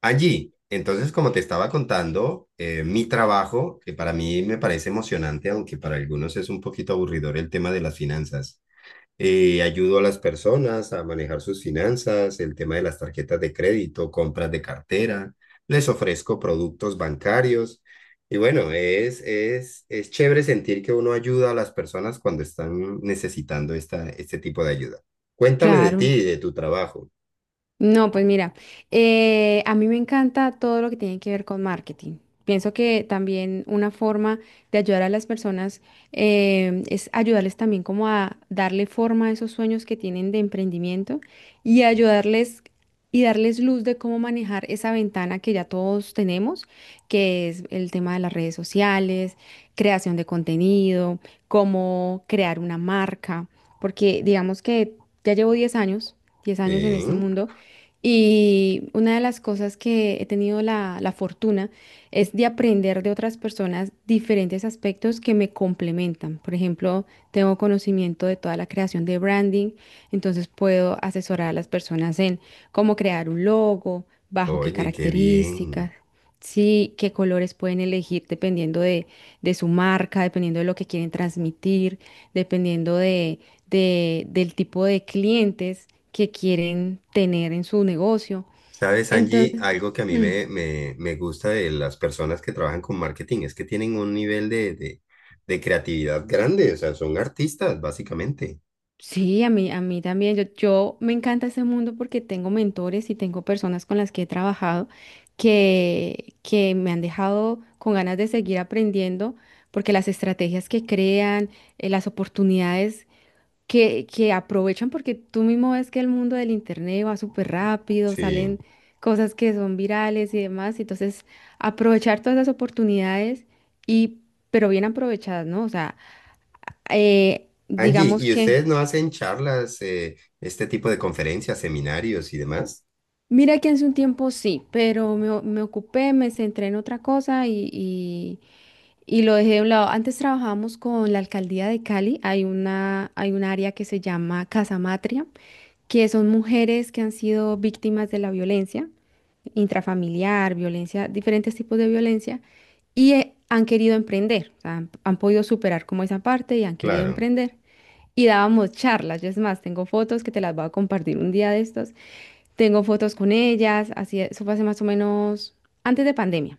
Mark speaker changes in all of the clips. Speaker 1: Allí, entonces, como te estaba contando, mi trabajo, que para mí me parece emocionante, aunque para algunos es un poquito aburridor el tema de las finanzas. Ayudo a las personas a manejar sus finanzas, el tema de las tarjetas de crédito, compras de cartera, les ofrezco productos bancarios. Y bueno, es chévere sentir que uno ayuda a las personas cuando están necesitando este tipo de ayuda. Cuéntame de ti
Speaker 2: Claro.
Speaker 1: y de tu trabajo.
Speaker 2: No, pues mira, a mí me encanta todo lo que tiene que ver con marketing. Pienso que también una forma de ayudar a las personas es ayudarles también como a darle forma a esos sueños que tienen de emprendimiento y ayudarles y darles luz de cómo manejar esa ventana que ya todos tenemos, que es el tema de las redes sociales, creación de contenido, cómo crear una marca, porque digamos que ya llevo 10 años, 10 años en este
Speaker 1: Sí.
Speaker 2: mundo. Y una de las cosas que he tenido la fortuna es de aprender de otras personas diferentes aspectos que me complementan. Por ejemplo, tengo conocimiento de toda la creación de branding, entonces puedo asesorar a las personas en cómo crear un logo, bajo qué
Speaker 1: Oye, qué bien.
Speaker 2: características, sí, qué colores pueden elegir de su marca, dependiendo de lo que quieren transmitir, dependiendo del tipo de clientes que quieren tener en su negocio.
Speaker 1: Sabes,
Speaker 2: Entonces,
Speaker 1: Angie, algo que a mí
Speaker 2: mm,
Speaker 1: me gusta de las personas que trabajan con marketing es que tienen un nivel de creatividad grande, o sea, son artistas, básicamente.
Speaker 2: sí, a mí también, yo me encanta ese mundo porque tengo mentores y tengo personas con las que he trabajado que me han dejado con ganas de seguir aprendiendo porque las estrategias que crean, las oportunidades que aprovechan porque tú mismo ves que el mundo del internet va súper rápido, salen
Speaker 1: Sí.
Speaker 2: cosas que son virales y demás, y entonces aprovechar todas esas oportunidades y pero bien aprovechadas, ¿no? O sea,
Speaker 1: Angie,
Speaker 2: digamos
Speaker 1: ¿y
Speaker 2: que
Speaker 1: ustedes no hacen charlas, este tipo de conferencias, seminarios y demás?
Speaker 2: mira que hace un tiempo sí, pero me ocupé, me centré en otra cosa y lo dejé de un lado. Antes trabajábamos con la alcaldía de Cali, hay hay un área que se llama Casa Matria, que son mujeres que han sido víctimas de la violencia intrafamiliar, violencia, diferentes tipos de violencia, y han querido emprender, o sea, han podido superar como esa parte y han querido
Speaker 1: Claro.
Speaker 2: emprender. Y dábamos charlas, yo es más, tengo fotos que te las voy a compartir un día de estos. Tengo fotos con ellas, así, eso fue hace más o menos antes de pandemia.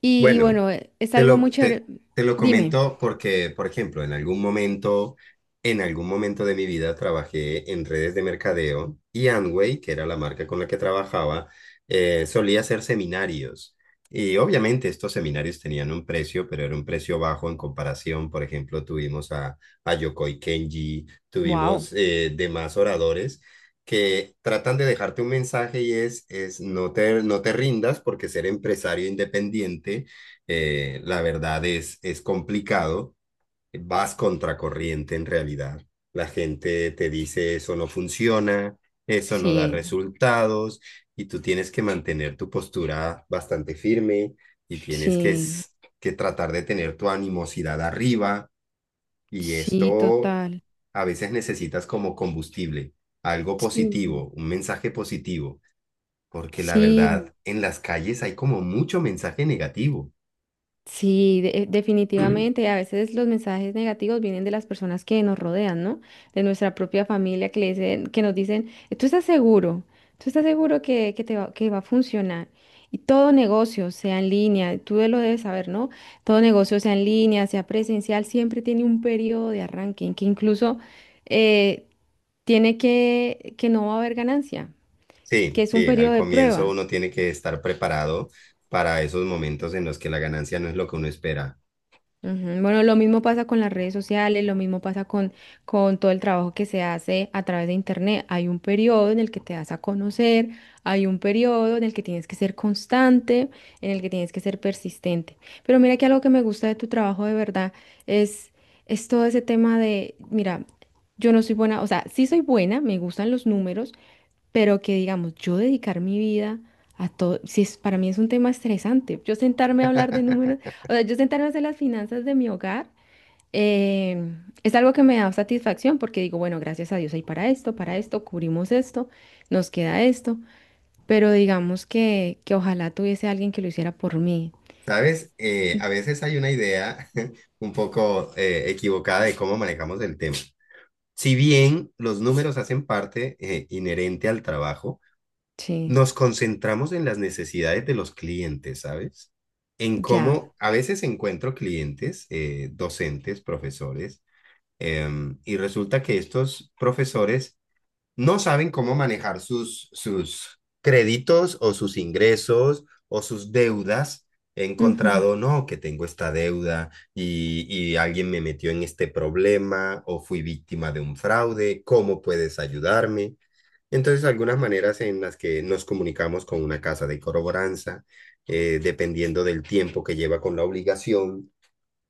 Speaker 2: Y
Speaker 1: Bueno,
Speaker 2: bueno, es
Speaker 1: te
Speaker 2: algo muy
Speaker 1: lo, te,
Speaker 2: chévere.
Speaker 1: te lo
Speaker 2: Dime,
Speaker 1: comento porque, por ejemplo, en algún momento de mi vida trabajé en redes de mercadeo y Amway, que era la marca con la que trabajaba, solía hacer seminarios. Y obviamente estos seminarios tenían un precio, pero era un precio bajo en comparación. Por ejemplo, tuvimos a Yokoi Kenji,
Speaker 2: wow,
Speaker 1: tuvimos demás oradores que tratan de dejarte un mensaje y es no te rindas porque ser empresario independiente la verdad es complicado, vas contracorriente en realidad. La gente te dice eso no funciona, eso no da
Speaker 2: sí,
Speaker 1: resultados y tú tienes que mantener tu postura bastante firme y tienes que,
Speaker 2: sí,
Speaker 1: s- que tratar de tener tu animosidad arriba y
Speaker 2: sí,
Speaker 1: esto
Speaker 2: total.
Speaker 1: a veces necesitas como combustible, algo
Speaker 2: Sí,
Speaker 1: positivo, un mensaje positivo, porque la
Speaker 2: sí,
Speaker 1: verdad en las calles hay como mucho mensaje negativo.
Speaker 2: sí, de- definitivamente. A veces los mensajes negativos vienen de las personas que nos rodean, ¿no? De nuestra propia familia que le dicen, que nos dicen, tú estás seguro, tú estás seguro que te va, que va a funcionar. Y todo negocio, sea en línea, tú lo debes saber, ¿no? Todo negocio, sea en línea, sea presencial, siempre tiene un periodo de arranque en que incluso eh, tiene que no va a haber ganancia,
Speaker 1: Sí,
Speaker 2: que es un
Speaker 1: sí, al
Speaker 2: periodo de
Speaker 1: comienzo
Speaker 2: prueba.
Speaker 1: uno tiene que estar preparado para esos momentos en los que la ganancia no es lo que uno espera.
Speaker 2: Ujú. Bueno, lo mismo pasa con las redes sociales, lo mismo pasa con todo el trabajo que se hace a través de Internet. Hay un periodo en el que te das a conocer, hay un periodo en el que tienes que ser constante, en el que tienes que ser persistente. Pero mira que algo que me gusta de tu trabajo de verdad es, es todo ese tema de, mira, yo no soy buena, o sea, sí soy buena, me gustan los números, pero que digamos, yo dedicar mi vida a todo, si es, para mí es un tema estresante, yo sentarme a hablar de números, o sea, yo sentarme a hacer las finanzas de mi hogar, eh, es algo que me da satisfacción porque digo, bueno, gracias a Dios hay para esto, cubrimos esto, nos queda esto, pero digamos que ojalá tuviese alguien que lo hiciera por mí,
Speaker 1: ¿Sabes? A veces hay una idea un poco equivocada de cómo manejamos el tema. Si bien los números hacen parte inherente al trabajo,
Speaker 2: sí,
Speaker 1: nos concentramos en las necesidades de los clientes, ¿sabes? En
Speaker 2: ya.
Speaker 1: cómo a veces encuentro clientes, docentes, profesores, y resulta que estos profesores no saben cómo manejar sus créditos o sus ingresos o sus deudas. He
Speaker 2: Ujú,
Speaker 1: encontrado, no, que tengo esta deuda y alguien me metió en este problema o fui víctima de un fraude, ¿cómo puedes ayudarme? Entonces, algunas maneras en las que nos comunicamos con una casa de corroboranza, dependiendo del tiempo que lleva con la obligación,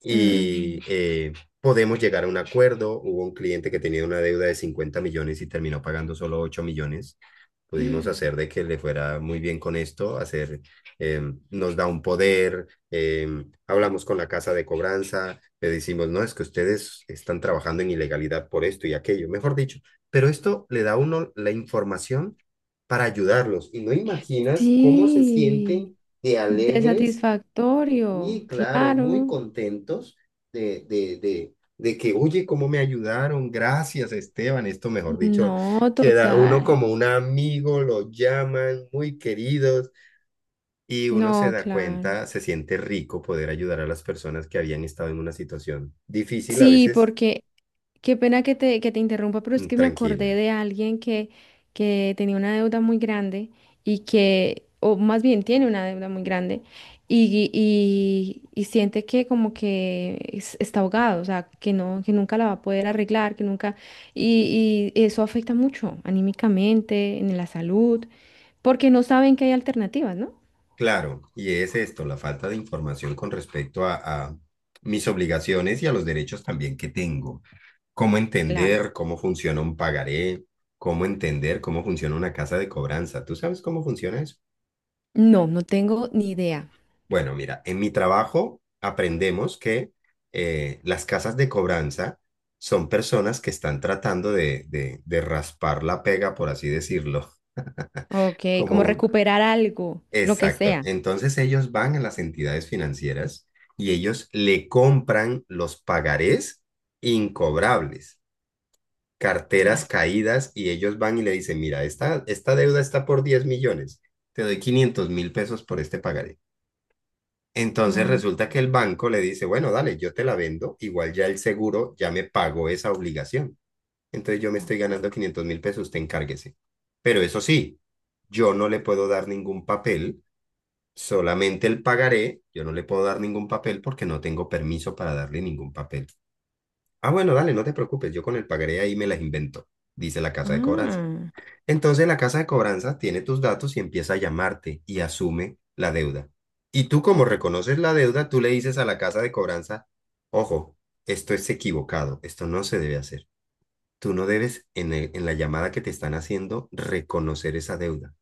Speaker 1: y
Speaker 2: ujú.
Speaker 1: podemos llegar a un acuerdo. Hubo un cliente que tenía una deuda de 50 millones y terminó pagando solo 8 millones. Pudimos hacer de que le fuera muy bien con esto, hacer, eh, nos da un poder, hablamos con la casa de cobranza, le decimos, no, es que ustedes están trabajando en ilegalidad por esto y aquello, mejor dicho, pero esto le da a uno la información para ayudarlos. Y no imaginas cómo se
Speaker 2: Sí,
Speaker 1: sienten de
Speaker 2: de
Speaker 1: alegres
Speaker 2: satisfactorio,
Speaker 1: y claro, muy
Speaker 2: claro.
Speaker 1: contentos de que, oye, cómo me ayudaron, gracias Esteban, esto mejor dicho,
Speaker 2: No,
Speaker 1: queda uno
Speaker 2: total.
Speaker 1: como un amigo, lo llaman, muy queridos, y uno se
Speaker 2: No,
Speaker 1: da
Speaker 2: claro.
Speaker 1: cuenta, se siente rico poder ayudar a las personas que habían estado en una situación difícil, a
Speaker 2: Sí,
Speaker 1: veces.
Speaker 2: porque qué pena que te interrumpa, pero es
Speaker 1: Mm,
Speaker 2: que me
Speaker 1: tranquila.
Speaker 2: acordé de alguien que tenía una deuda muy grande y que, o más bien tiene una deuda muy grande y siente que como que está ahogado, o sea, que no, que nunca la va a poder arreglar, que nunca, y eso afecta mucho anímicamente, en la salud, porque no saben que hay alternativas, ¿no?
Speaker 1: Claro, y es esto, la falta de información con respecto a mis obligaciones y a los derechos también que tengo. Cómo
Speaker 2: Claro.
Speaker 1: entender cómo funciona un pagaré, cómo entender cómo funciona una casa de cobranza. ¿Tú sabes cómo funciona eso?
Speaker 2: No, no tengo ni idea.
Speaker 1: Bueno, mira, en mi trabajo aprendemos que las casas de cobranza son personas que están tratando de raspar la pega, por así decirlo.
Speaker 2: Ok,
Speaker 1: Como
Speaker 2: como
Speaker 1: un-
Speaker 2: recuperar algo, lo que
Speaker 1: Exacto.
Speaker 2: sea.
Speaker 1: Entonces ellos van a las entidades financieras y ellos le compran los pagarés incobrables. Carteras
Speaker 2: Ya.
Speaker 1: caídas y ellos van y le dicen, mira, esta deuda está por 10 millones, te doy 500.000 pesos por este pagaré. Entonces
Speaker 2: Ah,
Speaker 1: resulta que el banco le dice, bueno, dale, yo te la vendo, igual ya el seguro ya me pagó esa obligación. Entonces yo me estoy ganando 500.000 pesos, usted encárguese. Pero eso sí, yo no le puedo dar ningún papel, solamente el pagaré, yo no le puedo dar ningún papel porque no tengo permiso para darle ningún papel. Ah, bueno, dale, no te preocupes, yo con el pagaré ahí me las invento, dice la casa de cobranza.
Speaker 2: ah,
Speaker 1: Entonces la casa de cobranza tiene tus datos y empieza a llamarte y asume la deuda. Y tú como reconoces la deuda, tú le dices a la casa de cobranza, ojo, esto es equivocado, esto no se debe hacer. Tú no debes en el- en la llamada que te están haciendo reconocer esa deuda.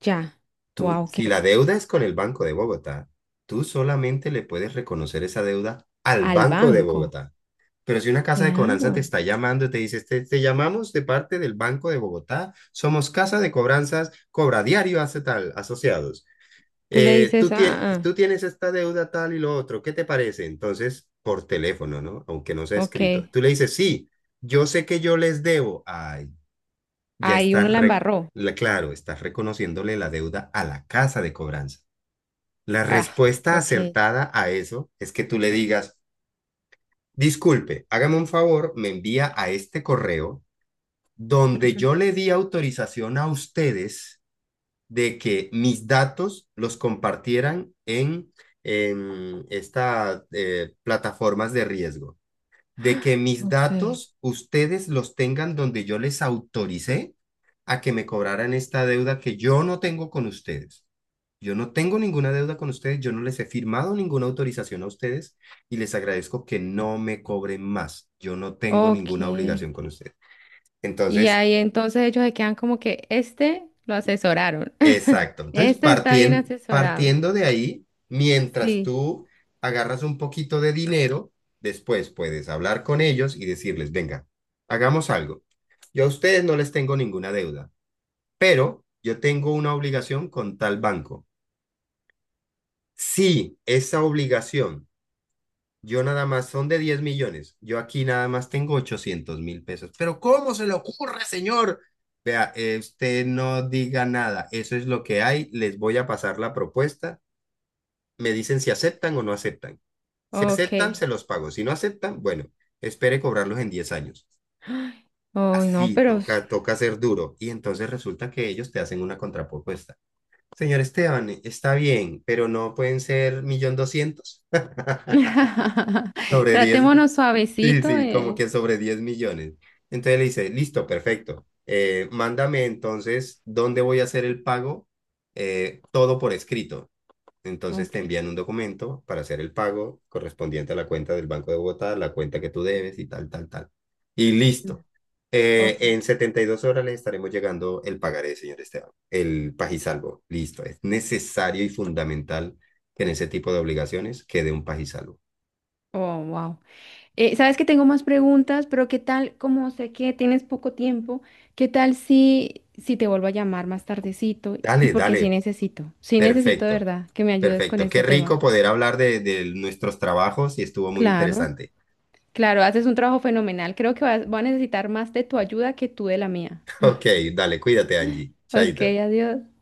Speaker 2: ya.
Speaker 1: Tú,
Speaker 2: Wow, que
Speaker 1: si la deuda es con el Banco de Bogotá, tú solamente le puedes reconocer esa deuda al
Speaker 2: al
Speaker 1: Banco de
Speaker 2: banco.
Speaker 1: Bogotá. Pero si una casa de cobranza te
Speaker 2: Claro.
Speaker 1: está llamando y te dice, te llamamos de parte del Banco de Bogotá, somos casa de cobranzas, cobra diario hace tal, asociados.
Speaker 2: Tú le dices,
Speaker 1: Tú, tie-
Speaker 2: ah,
Speaker 1: tú tienes esta deuda tal y lo otro, ¿qué te parece? Entonces, por teléfono, ¿no? Aunque no sea
Speaker 2: ah,
Speaker 1: escrito.
Speaker 2: ok.
Speaker 1: Tú le dices, sí, yo sé que yo les debo. Ay, ya
Speaker 2: Ahí uno
Speaker 1: estás,
Speaker 2: la
Speaker 1: re-
Speaker 2: embarró.
Speaker 1: la- claro, estás reconociéndole la deuda a la casa de cobranza. La
Speaker 2: Ah,
Speaker 1: respuesta
Speaker 2: ok.
Speaker 1: acertada a eso es que tú le digas, disculpe, hágame un favor, me envía a este correo donde yo le di autorización a ustedes de que mis datos los compartieran en estas plataformas de riesgo de que
Speaker 2: Ah,
Speaker 1: mis
Speaker 2: ok.
Speaker 1: datos ustedes los tengan donde yo les autoricé a que me cobraran esta deuda que yo no tengo con ustedes. Yo no tengo ninguna deuda con ustedes, yo no les he firmado ninguna autorización a ustedes y les agradezco que no me cobren más. Yo no tengo
Speaker 2: Ok.
Speaker 1: ninguna obligación con ustedes.
Speaker 2: Y
Speaker 1: Entonces,
Speaker 2: ahí entonces ellos se quedan como que este lo asesoraron.
Speaker 1: exacto. Entonces,
Speaker 2: Este está bien
Speaker 1: partien-
Speaker 2: asesorado.
Speaker 1: partiendo de ahí, mientras
Speaker 2: Sí.
Speaker 1: tú agarras un poquito de dinero, después puedes hablar con ellos y decirles, venga, hagamos algo. Yo a ustedes no les tengo ninguna deuda, pero yo tengo una obligación con tal banco. Si esa obligación, yo nada más son de 10 millones, yo aquí nada más tengo 800.000 pesos. Pero ¿cómo se le ocurre, señor? Vea, usted no diga nada, eso es lo que hay, les voy a pasar la propuesta me dicen si aceptan o no aceptan. Si aceptan,
Speaker 2: Ok.
Speaker 1: se los pago. Si no aceptan, bueno, espere cobrarlos en 10 años.
Speaker 2: Ay, no,
Speaker 1: Así,
Speaker 2: pero s-
Speaker 1: toca, toca ser duro. Y entonces resulta que ellos te hacen una contrapropuesta. Señor Esteban, está bien, pero no pueden ser millón doscientos. Sobre 10
Speaker 2: Tratémonos
Speaker 1: sí,
Speaker 2: suavecito.
Speaker 1: sí, como que sobre 10 millones. Entonces le dice, listo, perfecto. Mándame entonces dónde voy a hacer el pago, todo por escrito. Entonces
Speaker 2: Ok.
Speaker 1: te envían un documento para hacer el pago correspondiente a la cuenta del Banco de Bogotá, la cuenta que tú debes y tal, tal, tal. Y
Speaker 2: Mm.
Speaker 1: listo.
Speaker 2: Ok.
Speaker 1: En 72 horas les estaremos llegando el pagaré, señor Esteban, el pagisalvo. Listo. Es necesario y fundamental que en ese tipo de obligaciones quede un pagisalvo.
Speaker 2: Oh, wow. Sabes que tengo más preguntas, pero ¿qué tal? Como sé que tienes poco tiempo, ¿qué tal si te vuelvo a llamar más tardecito? Y
Speaker 1: Dale,
Speaker 2: porque
Speaker 1: dale.
Speaker 2: sí necesito de
Speaker 1: Perfecto.
Speaker 2: verdad que me ayudes con
Speaker 1: Perfecto. Qué
Speaker 2: este
Speaker 1: rico
Speaker 2: tema.
Speaker 1: poder hablar de nuestros trabajos y estuvo muy
Speaker 2: Claro,
Speaker 1: interesante.
Speaker 2: claro, haces un trabajo fenomenal. Creo que voy a necesitar más de tu ayuda que tú de la mía.
Speaker 1: Ok, dale, cuídate, Angie.
Speaker 2: Ok,
Speaker 1: Chaito.
Speaker 2: adiós.